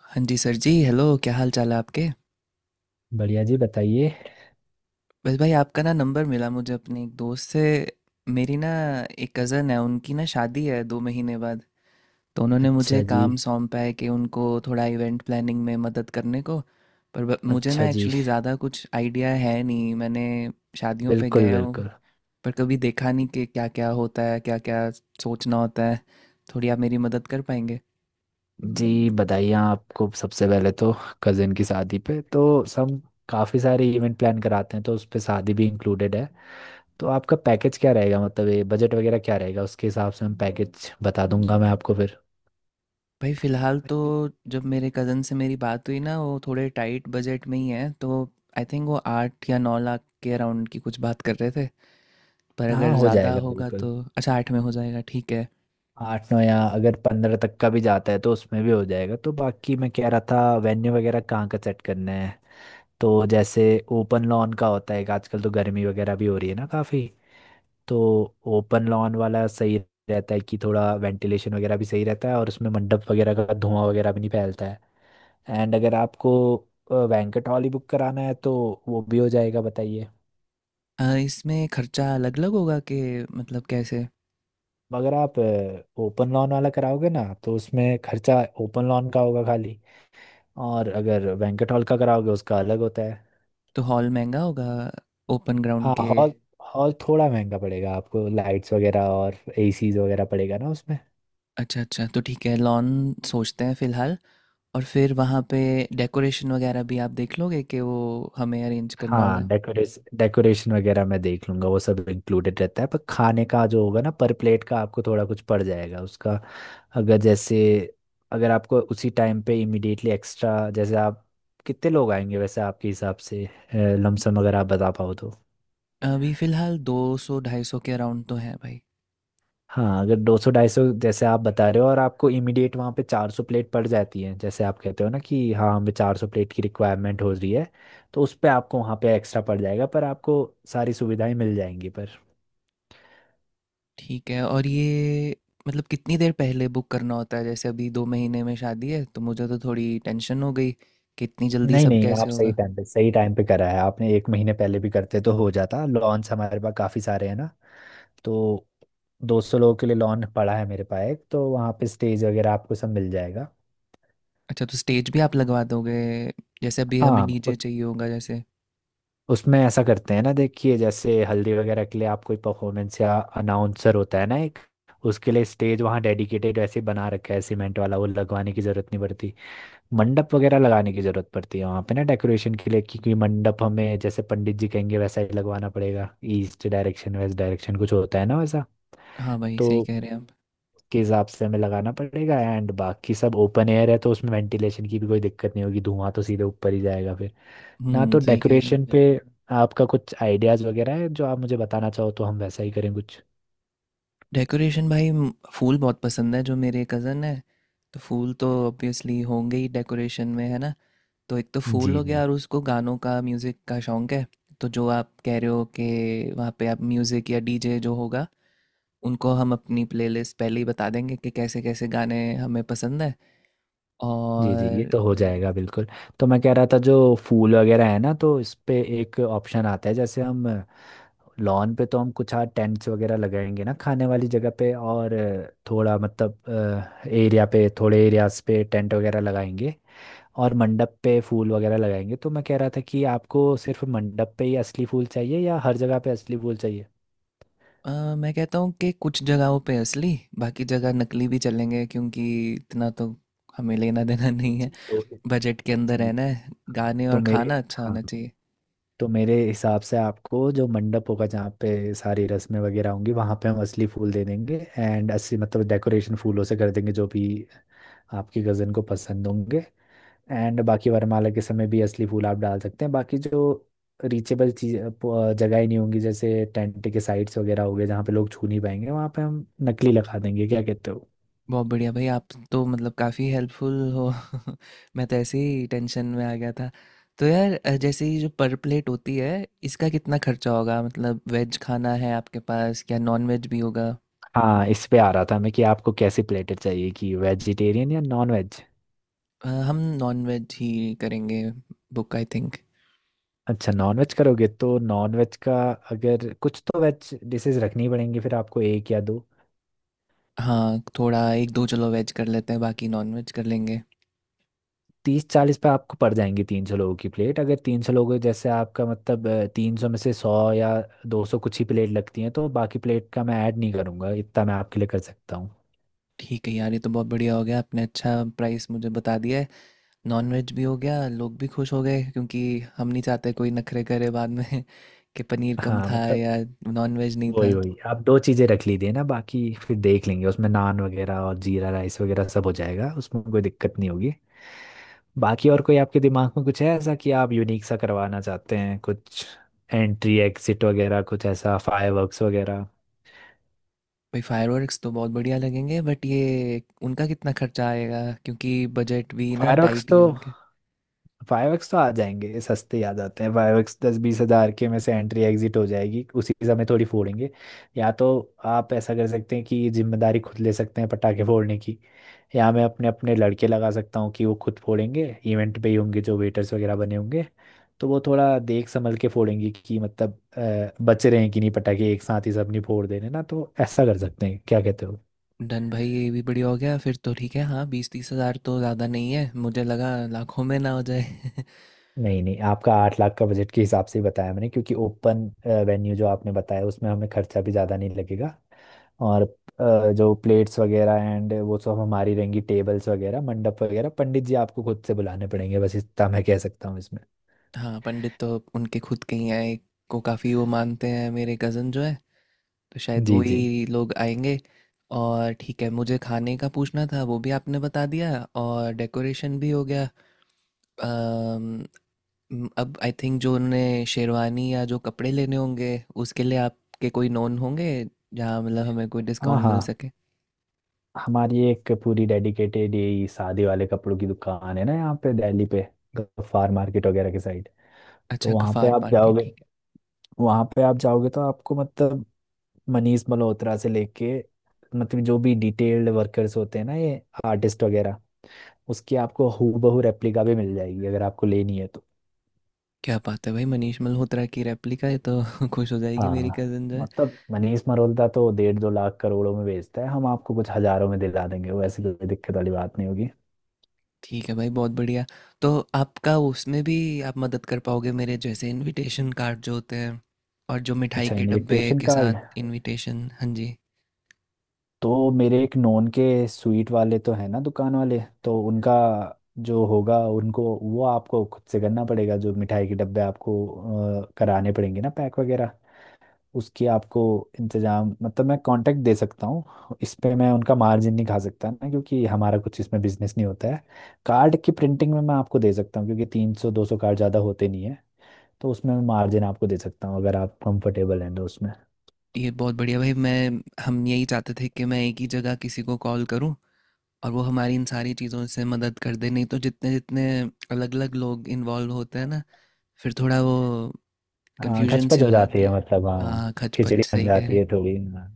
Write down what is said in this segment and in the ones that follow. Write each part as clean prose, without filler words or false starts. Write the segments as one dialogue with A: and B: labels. A: हाँ जी सर जी, हेलो। क्या हाल चाल है आपके।
B: बढ़िया जी। बताइए।
A: बस भाई, आपका ना नंबर मिला मुझे अपने एक दोस्त से। मेरी ना एक कज़न है, उनकी ना शादी है 2 महीने बाद। तो उन्होंने मुझे
B: अच्छा जी।
A: काम सौंपा है कि उनको थोड़ा इवेंट प्लानिंग में मदद करने को। पर मुझे
B: अच्छा
A: ना
B: जी।
A: एक्चुअली ज़्यादा कुछ आइडिया है नहीं। मैंने शादियों पे
B: बिल्कुल
A: गया हूँ,
B: बिल्कुल।
A: पर कभी देखा नहीं कि क्या क्या होता है, क्या क्या सोचना होता है। थोड़ी आप मेरी मदद कर पाएंगे।
B: जी बताइए। आपको सबसे पहले तो कज़न की शादी पे तो हम काफ़ी सारे इवेंट प्लान कराते हैं, तो उस पे शादी भी इंक्लूडेड है। तो आपका पैकेज क्या रहेगा, मतलब ये बजट वगैरह क्या रहेगा? उसके हिसाब से हम पैकेज बता दूंगा मैं आपको फिर।
A: भाई फ़िलहाल तो, जब मेरे कज़न से मेरी बात हुई ना, वो थोड़े टाइट बजट में ही है तो आई थिंक वो 8 या 9 लाख के अराउंड की कुछ बात कर रहे थे। पर अगर
B: हाँ, हो
A: ज़्यादा
B: जाएगा
A: होगा
B: बिल्कुल।
A: तो। अच्छा आठ में हो जाएगा, ठीक है।
B: आठ नौ या अगर 15 तक का भी जाता है तो उसमें भी हो जाएगा। तो बाकी मैं कह रहा था, वेन्यू वगैरह कहाँ का सेट करना है। तो जैसे ओपन लॉन का होता है, आजकल तो गर्मी वगैरह भी हो रही है ना काफ़ी, तो ओपन लॉन वाला सही रहता है कि थोड़ा वेंटिलेशन वगैरह भी सही रहता है, और उसमें मंडप वगैरह का धुआं वगैरह भी नहीं फैलता है। एंड अगर आपको बैंकेट हॉल ही बुक कराना है तो वो भी हो जाएगा, बताइए।
A: इसमें खर्चा अलग अलग होगा कि मतलब, कैसे।
B: मगर आप ओपन लॉन वाला कराओगे ना तो उसमें खर्चा ओपन लॉन का होगा खाली, और अगर बैंकेट हॉल का कराओगे उसका अलग होता है।
A: तो हॉल महंगा होगा ओपन ग्राउंड
B: हाँ,
A: के।
B: हॉल, हॉल थोड़ा महंगा पड़ेगा आपको, लाइट्स वगैरह और एसीज वगैरह पड़ेगा ना उसमें।
A: अच्छा अच्छा, तो ठीक है, लॉन सोचते हैं फ़िलहाल। और फिर वहाँ पे डेकोरेशन वगैरह भी आप देख लोगे कि वो हमें अरेंज करना
B: हाँ,
A: होगा।
B: डेकोरेस डेकोरेशन वगैरह मैं देख लूंगा, वो सब इंक्लूडेड रहता है, पर खाने का जो होगा ना पर प्लेट का आपको थोड़ा कुछ पड़ जाएगा उसका। अगर जैसे, अगर आपको उसी टाइम पे इमिडिएटली एक्स्ट्रा, जैसे आप कितने लोग आएंगे वैसे आपके हिसाब से लमसम अगर आप बता पाओ तो।
A: अभी फ़िलहाल 200 250 के अराउंड तो है भाई।
B: हाँ, अगर 200 250 जैसे आप बता रहे हो और आपको इमीडिएट वहाँ पे 400 प्लेट पड़ जाती है, जैसे आप कहते हो ना कि हाँ हमें 400 प्लेट की रिक्वायरमेंट हो रही है, तो उस पे आपको वहाँ पे एक्स्ट्रा पड़ जाएगा, पर आपको सारी सुविधाएं मिल जाएंगी पर।
A: ठीक है, और ये मतलब कितनी देर पहले बुक करना होता है? जैसे अभी 2 महीने में शादी है तो मुझे तो थोड़ी टेंशन हो गई कि इतनी जल्दी
B: नहीं
A: सब
B: नहीं,
A: कैसे
B: आप
A: होगा।
B: सही टाइम पे करा है आपने, 1 महीने पहले भी करते तो हो जाता, लॉन्स हमारे पास काफ़ी सारे हैं ना। तो 200 लोगों के लिए लॉन पड़ा है मेरे पास एक, तो वहाँ पे स्टेज वगैरह आपको सब मिल जाएगा।
A: अच्छा तो स्टेज भी आप लगवा दोगे? जैसे अभी हमें
B: हाँ,
A: डीजे चाहिए होगा जैसे।
B: उसमें ऐसा करते हैं ना, देखिए, जैसे हल्दी वगैरह के लिए आप कोई परफॉर्मेंस या अनाउंसर होता है ना एक, उसके लिए स्टेज वहाँ डेडिकेटेड वैसे बना रखा है, सीमेंट वाला, वो लगवाने की ज़रूरत नहीं पड़ती। मंडप वगैरह लगाने की जरूरत पड़ती है वहां पे ना डेकोरेशन के लिए, क्योंकि मंडप हमें जैसे पंडित जी कहेंगे वैसा ही लगवाना पड़ेगा। ईस्ट डायरेक्शन वेस्ट डायरेक्शन कुछ होता है ना, वैसा
A: हाँ भाई, सही
B: तो
A: कह रहे हैं आप।
B: के हिसाब से हमें लगाना पड़ेगा। एंड बाकी सब ओपन एयर है तो उसमें वेंटिलेशन की भी कोई दिक्कत नहीं होगी, धुआं तो सीधे ऊपर ही जाएगा फिर ना।
A: हम्म,
B: तो
A: सही कह रहे हो।
B: डेकोरेशन जी पे आपका कुछ आइडियाज वगैरह है जो आप मुझे बताना चाहो तो हम वैसा ही करें कुछ।
A: डेकोरेशन भाई, फूल बहुत पसंद है जो मेरे कज़न है। तो फूल तो ऑब्वियसली होंगे ही डेकोरेशन में, है ना। तो एक तो फूल
B: जी
A: हो गया,
B: जी।
A: और उसको गानों का, म्यूज़िक का शौक है। तो जो आप कह रहे हो कि वहाँ पे आप म्यूज़िक या डीजे जो होगा, उनको हम अपनी प्लेलिस्ट पहले ही बता देंगे कि कैसे-कैसे गाने हमें पसंद हैं।
B: जी जी, ये
A: और
B: तो हो जाएगा बिल्कुल। तो मैं कह रहा था जो फूल वगैरह है ना, तो इस पे एक ऑप्शन आता है, जैसे हम लॉन पे तो हम कुछ हाँ टेंट्स वगैरह लगाएंगे ना खाने वाली जगह पे, और थोड़ा मतलब एरिया पे थोड़े एरियाज पे टेंट वगैरह लगाएंगे, और मंडप पे फूल वगैरह लगाएंगे। तो मैं कह रहा था कि आपको सिर्फ मंडप पे ही असली फूल चाहिए या हर जगह पे असली फूल चाहिए?
A: मैं कहता हूँ कि कुछ जगहों पे असली, बाकी जगह नकली भी चलेंगे, क्योंकि इतना तो हमें लेना-देना नहीं है।
B: जी। तो
A: बजट के अंदर
B: ठीक।
A: रहना है,
B: हाँ
A: गाने
B: तो
A: और
B: मेरे
A: खाना अच्छा
B: हाँ
A: होना चाहिए।
B: तो मेरे हिसाब से आपको जो मंडप होगा जहाँ पे सारी रस्में वगैरह होंगी वहाँ पे हम असली फूल दे देंगे, एंड असली मतलब डेकोरेशन फूलों से कर देंगे जो भी आपकी कज़न को पसंद होंगे। एंड बाकी वरमाला के समय भी असली फूल आप डाल सकते हैं, बाकी जो रीचेबल चीज जगह ही नहीं होंगी, जैसे टेंट के साइड्स वगैरह हो गए जहाँ पे लोग छू नहीं पाएंगे, वहाँ पे हम नकली लगा देंगे, क्या कहते हो?
A: बहुत बढ़िया भाई, आप तो मतलब काफ़ी हेल्पफुल हो। मैं तो ऐसे ही टेंशन में आ गया था। तो यार, जैसे ये जो पर प्लेट होती है, इसका कितना खर्चा होगा? मतलब वेज खाना है आपके पास या नॉन वेज भी होगा?
B: हाँ, इस पे आ रहा था मैं कि आपको कैसी प्लेटर चाहिए, कि वेजिटेरियन या नॉन वेज?
A: हम नॉन-वेज ही करेंगे बुक आई थिंक।
B: अच्छा, नॉन वेज करोगे तो नॉन वेज का, अगर कुछ तो वेज डिशेज रखनी पड़ेंगी फिर आपको एक या दो।
A: हाँ, थोड़ा 1-2 चलो वेज कर लेते हैं, बाकी नॉन-वेज कर लेंगे।
B: 30-40 पे आपको पड़ जाएंगी 300 लोगों की प्लेट, अगर 300 लोगों जैसे आपका मतलब, 300 में से 100 या 200 कुछ ही प्लेट लगती हैं तो बाकी प्लेट का मैं ऐड नहीं करूंगा, इतना मैं आपके लिए कर सकता हूँ।
A: ठीक है यार, ये तो बहुत बढ़िया हो गया, आपने अच्छा प्राइस मुझे बता दिया है। नॉन-वेज भी हो गया, लोग भी खुश हो गए क्योंकि हम नहीं चाहते कोई नखरे करे बाद में कि पनीर कम
B: हाँ
A: था
B: मतलब,
A: या नॉन-वेज नहीं
B: वही
A: था।
B: वही, आप दो चीज़ें रख लीजिए ना, बाकी फिर देख लेंगे, उसमें नान वगैरह और जीरा राइस वगैरह सब हो जाएगा, उसमें कोई दिक्कत नहीं होगी। बाकी और कोई आपके दिमाग में कुछ है ऐसा कि आप यूनिक सा करवाना चाहते हैं कुछ, एंट्री एग्जिट वगैरह, कुछ ऐसा फायरवर्क्स वगैरह?
A: भाई फायरवर्क्स तो बहुत बढ़िया लगेंगे, बट ये उनका कितना खर्चा आएगा? क्योंकि बजट भी ना
B: फायरवर्क्स
A: टाइट ही
B: तो
A: है उनके।
B: फाइव एक्स तो आ जाएंगे, ये सस्ते ही आ जाते हैं, फाइव एक्स 10-20 हज़ार के में से एंट्री एग्जिट हो जाएगी, उसी समय थोड़ी फोड़ेंगे। या तो आप ऐसा कर सकते हैं कि जिम्मेदारी खुद ले सकते हैं पटाखे फोड़ने की, या मैं अपने अपने लड़के लगा सकता हूँ कि वो खुद फोड़ेंगे, इवेंट पे ही होंगे जो वेटर्स वगैरह बने होंगे, तो वो थोड़ा देख संभल के फोड़ेंगे, कि मतलब बच रहे हैं कि नहीं, पटाखे एक साथ ही सब नहीं फोड़ दे रहे ना, तो ऐसा कर सकते हैं, क्या कहते हो?
A: डन भाई, ये भी बढ़िया हो गया। फिर तो ठीक है, हाँ 20 30 हज़ार तो ज़्यादा नहीं है, मुझे लगा लाखों में ना हो जाए
B: नहीं नहीं, आपका 8 लाख का बजट के हिसाब से ही बताया मैंने, क्योंकि ओपन वेन्यू जो आपने बताया उसमें हमें खर्चा भी ज़्यादा नहीं लगेगा। और जो प्लेट्स वगैरह एंड वो सब हमारी रहेंगी, टेबल्स वगैरह मंडप वगैरह, पंडित जी आपको खुद से बुलाने पड़ेंगे, बस इतना मैं कह सकता हूँ इसमें।
A: हाँ पंडित तो उनके खुद के ही हैं, एक को काफ़ी वो मानते हैं मेरे कज़न जो है, तो शायद
B: जी जी।
A: वही लोग आएंगे। और ठीक है, मुझे खाने का पूछना था, वो भी आपने बता दिया, और डेकोरेशन भी हो गया। अम, अब आई थिंक जो उन्हें शेरवानी या जो कपड़े लेने होंगे, उसके लिए आपके कोई नोन होंगे, जहाँ मतलब हमें कोई
B: हाँ
A: डिस्काउंट
B: हाँ,
A: मिल सके।
B: हमारी एक पूरी डेडिकेटेड यही शादी वाले कपड़ों की दुकान है ना यहाँ पे दिल्ली पे, गफ्फार मार्केट वगैरह के साइड। तो
A: अच्छा, गफ़ार पार्क है, ठीक।
B: वहाँ पे आप जाओगे तो आपको मतलब मनीष मल्होत्रा से लेके, मतलब जो भी डिटेल्ड वर्कर्स होते हैं ना, ये आर्टिस्ट वगैरह, उसकी आपको हूबहू रेप्लिका भी मिल जाएगी, अगर आपको लेनी है तो।
A: क्या बात है भाई, मनीष मल्होत्रा की रेप्लिका है तो खुश हो जाएगी मेरी
B: हाँ
A: कज़न जो है।
B: मतलब, मनीष मल्होत्रा तो 1.5-2 लाख करोड़ों में बेचता है, हम आपको कुछ हजारों में दिला देंगे, वो ऐसी कोई दिक्कत वाली बात नहीं होगी।
A: ठीक है भाई, बहुत बढ़िया। तो आपका उसमें भी आप मदद कर पाओगे मेरे? जैसे इनविटेशन कार्ड जो होते हैं, और जो मिठाई
B: अच्छा,
A: के डब्बे
B: इनविटेशन
A: के
B: कार्ड
A: साथ इनविटेशन, हाँ जी।
B: तो मेरे एक नॉन के स्वीट वाले तो है ना दुकान वाले, तो उनका जो होगा, उनको वो आपको खुद से करना पड़ेगा, जो मिठाई के डब्बे आपको कराने पड़ेंगे ना पैक वगैरह, उसकी आपको इंतजाम, मतलब मैं कांटेक्ट दे सकता हूँ, इस पे मैं उनका मार्जिन नहीं खा सकता ना क्योंकि हमारा कुछ इसमें बिजनेस नहीं होता है। कार्ड की प्रिंटिंग में मैं आपको दे सकता हूँ, क्योंकि 300-200 कार्ड ज़्यादा होते नहीं है, तो उसमें मैं मार्जिन आपको दे सकता हूँ अगर आप कंफर्टेबल हैं तो उसमें।
A: ये बहुत बढ़िया भाई, मैं हम यही चाहते थे कि मैं एक ही जगह किसी को कॉल करूं, और वो हमारी इन सारी चीज़ों से मदद कर दे। नहीं तो जितने जितने अलग-अलग लोग इन्वॉल्व होते हैं ना, फिर थोड़ा वो
B: हाँ,
A: कन्फ्यूजन सी
B: घचपच हो
A: हो
B: जाती
A: जाती
B: है,
A: है।
B: मतलब, हाँ।
A: हाँ
B: खिचड़ी
A: खचपच,
B: बन
A: सही कह रहे
B: जाती
A: हैं।
B: है थोड़ी, हाँ।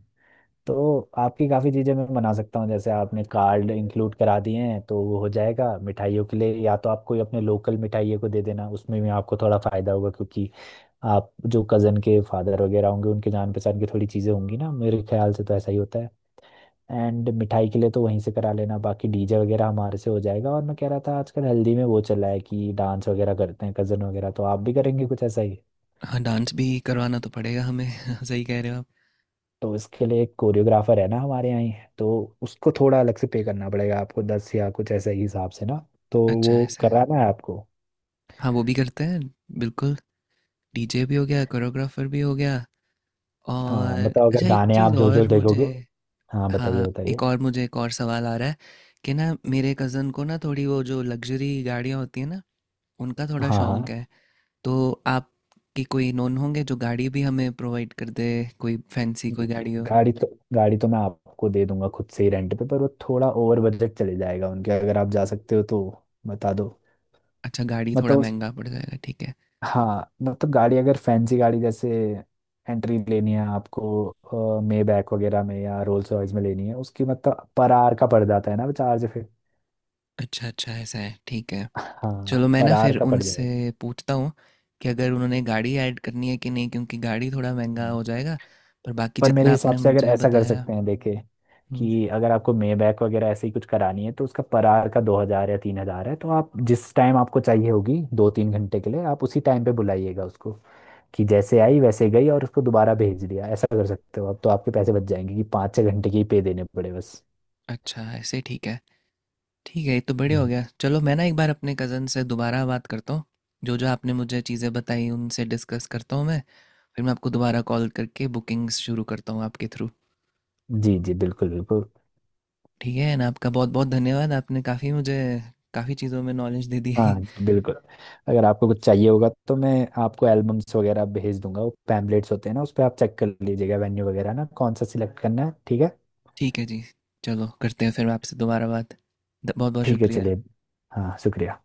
B: तो आपकी काफ़ी चीज़ें मैं बना सकता हूँ, जैसे आपने कार्ड इंक्लूड करा दिए हैं तो वो हो जाएगा, मिठाइयों के लिए या तो आप कोई अपने लोकल मिठाइयों को दे देना, उसमें भी आपको थोड़ा फ़ायदा होगा, क्योंकि आप जो कज़न के फादर वगैरह होंगे उनके जान पहचान की थोड़ी चीज़ें होंगी ना, मेरे ख्याल से तो ऐसा ही होता है। एंड मिठाई के लिए तो वहीं से करा लेना, बाकी डीजे वगैरह हमारे से हो जाएगा, और मैं कह रहा था आजकल हल्दी में वो चला है कि डांस वगैरह करते हैं कज़न वगैरह, तो आप भी करेंगे कुछ ऐसा ही?
A: हाँ, डांस भी करवाना तो पड़ेगा हमें सही कह रहे हो आप।
B: तो इसके लिए एक कोरियोग्राफर है ना हमारे यहाँ ही, तो उसको थोड़ा अलग से पे करना पड़ेगा आपको, 10 या कुछ ऐसा ही हिसाब से ना, तो
A: अच्छा
B: वो
A: ऐसा है।
B: कराना है आपको?
A: हाँ वो भी करते हैं, बिल्कुल। डीजे भी हो गया, कोरियोग्राफर भी हो गया, और
B: हाँ बताओ, अगर
A: अच्छा एक
B: गाने
A: चीज़
B: आप जो जो
A: और मुझे,
B: देखोगे। हाँ बताइए
A: हाँ
B: बताइए।
A: एक और मुझे, एक और सवाल आ रहा है कि ना मेरे कज़न को ना, थोड़ी वो जो लग्जरी गाड़ियाँ होती हैं ना, उनका थोड़ा
B: हाँ
A: शौक
B: हाँ।
A: है। तो आपकी कोई नोन होंगे जो गाड़ी भी हमें प्रोवाइड कर दे, कोई फैंसी कोई
B: जी।
A: गाड़ी हो।
B: गाड़ी तो मैं आपको दे दूंगा खुद से ही रेंट पे, पर वो थोड़ा ओवर बजट चले जाएगा उनके, अगर आप जा सकते हो तो बता दो।
A: अच्छा गाड़ी थोड़ा
B: मतलब उस
A: महंगा पड़ जाएगा, ठीक है।
B: हाँ मतलब गाड़ी, अगर फैंसी गाड़ी जैसे एंट्री लेनी है आपको मे बैक वगैरह में या रोल्स रॉयस में लेनी है उसकी, मतलब पर आर का पड़ जाता है ना वो चार्ज फिर।
A: अच्छा अच्छा, ऐसा है, ठीक है।
B: हाँ,
A: चलो मैं
B: पर
A: ना
B: आर
A: फिर
B: का पड़
A: उनसे
B: जाएगा।
A: पूछता हूँ कि अगर उन्होंने गाड़ी ऐड करनी है कि नहीं, क्योंकि गाड़ी थोड़ा महंगा
B: हम्म।
A: हो जाएगा। पर बाकी
B: पर मेरे
A: जितना
B: हिसाब
A: आपने
B: से अगर
A: मुझे
B: ऐसा कर
A: बताया।
B: सकते हैं, देखे,
A: हम्म।
B: कि अगर आपको मे बैक वगैरह ऐसे ही कुछ करानी है तो उसका पर आवर का 2 हज़ार या 3 हज़ार है, तो आप जिस टाइम आपको चाहिए होगी 2-3 घंटे के लिए, आप उसी टाइम पे बुलाइएगा उसको, कि जैसे आई वैसे गई और उसको दोबारा भेज दिया, ऐसा कर सकते हो आप तो आपके पैसे बच जाएंगे, कि 5-6 घंटे के ही पे देने पड़े बस।
A: अच्छा ऐसे, ठीक है। ठीक है, ये तो बढ़िया हो
B: हम्म।
A: गया। चलो मैं ना एक बार अपने कज़न से दोबारा बात करता हूँ, जो जो आपने मुझे चीज़ें बताई उनसे डिस्कस करता हूँ मैं। फिर मैं आपको दोबारा कॉल करके बुकिंग्स शुरू करता हूँ आपके थ्रू।
B: जी जी बिल्कुल बिल्कुल।
A: ठीक है ना। आपका बहुत बहुत धन्यवाद, आपने काफ़ी मुझे काफ़ी चीज़ों में नॉलेज दे दी है।
B: हाँ जी बिल्कुल, अगर आपको कुछ चाहिए होगा तो मैं आपको एल्बम्स वगैरह भेज दूंगा, वो पैम्पलेट्स होते हैं ना उस पर आप चेक कर लीजिएगा, वेन्यू वगैरह ना कौन सा सिलेक्ट करना है, ठीक है?
A: ठीक है जी, चलो करते हैं फिर आपसे दोबारा बात। बहुत बहुत
B: ठीक है,
A: शुक्रिया।
B: चलिए। हाँ, शुक्रिया।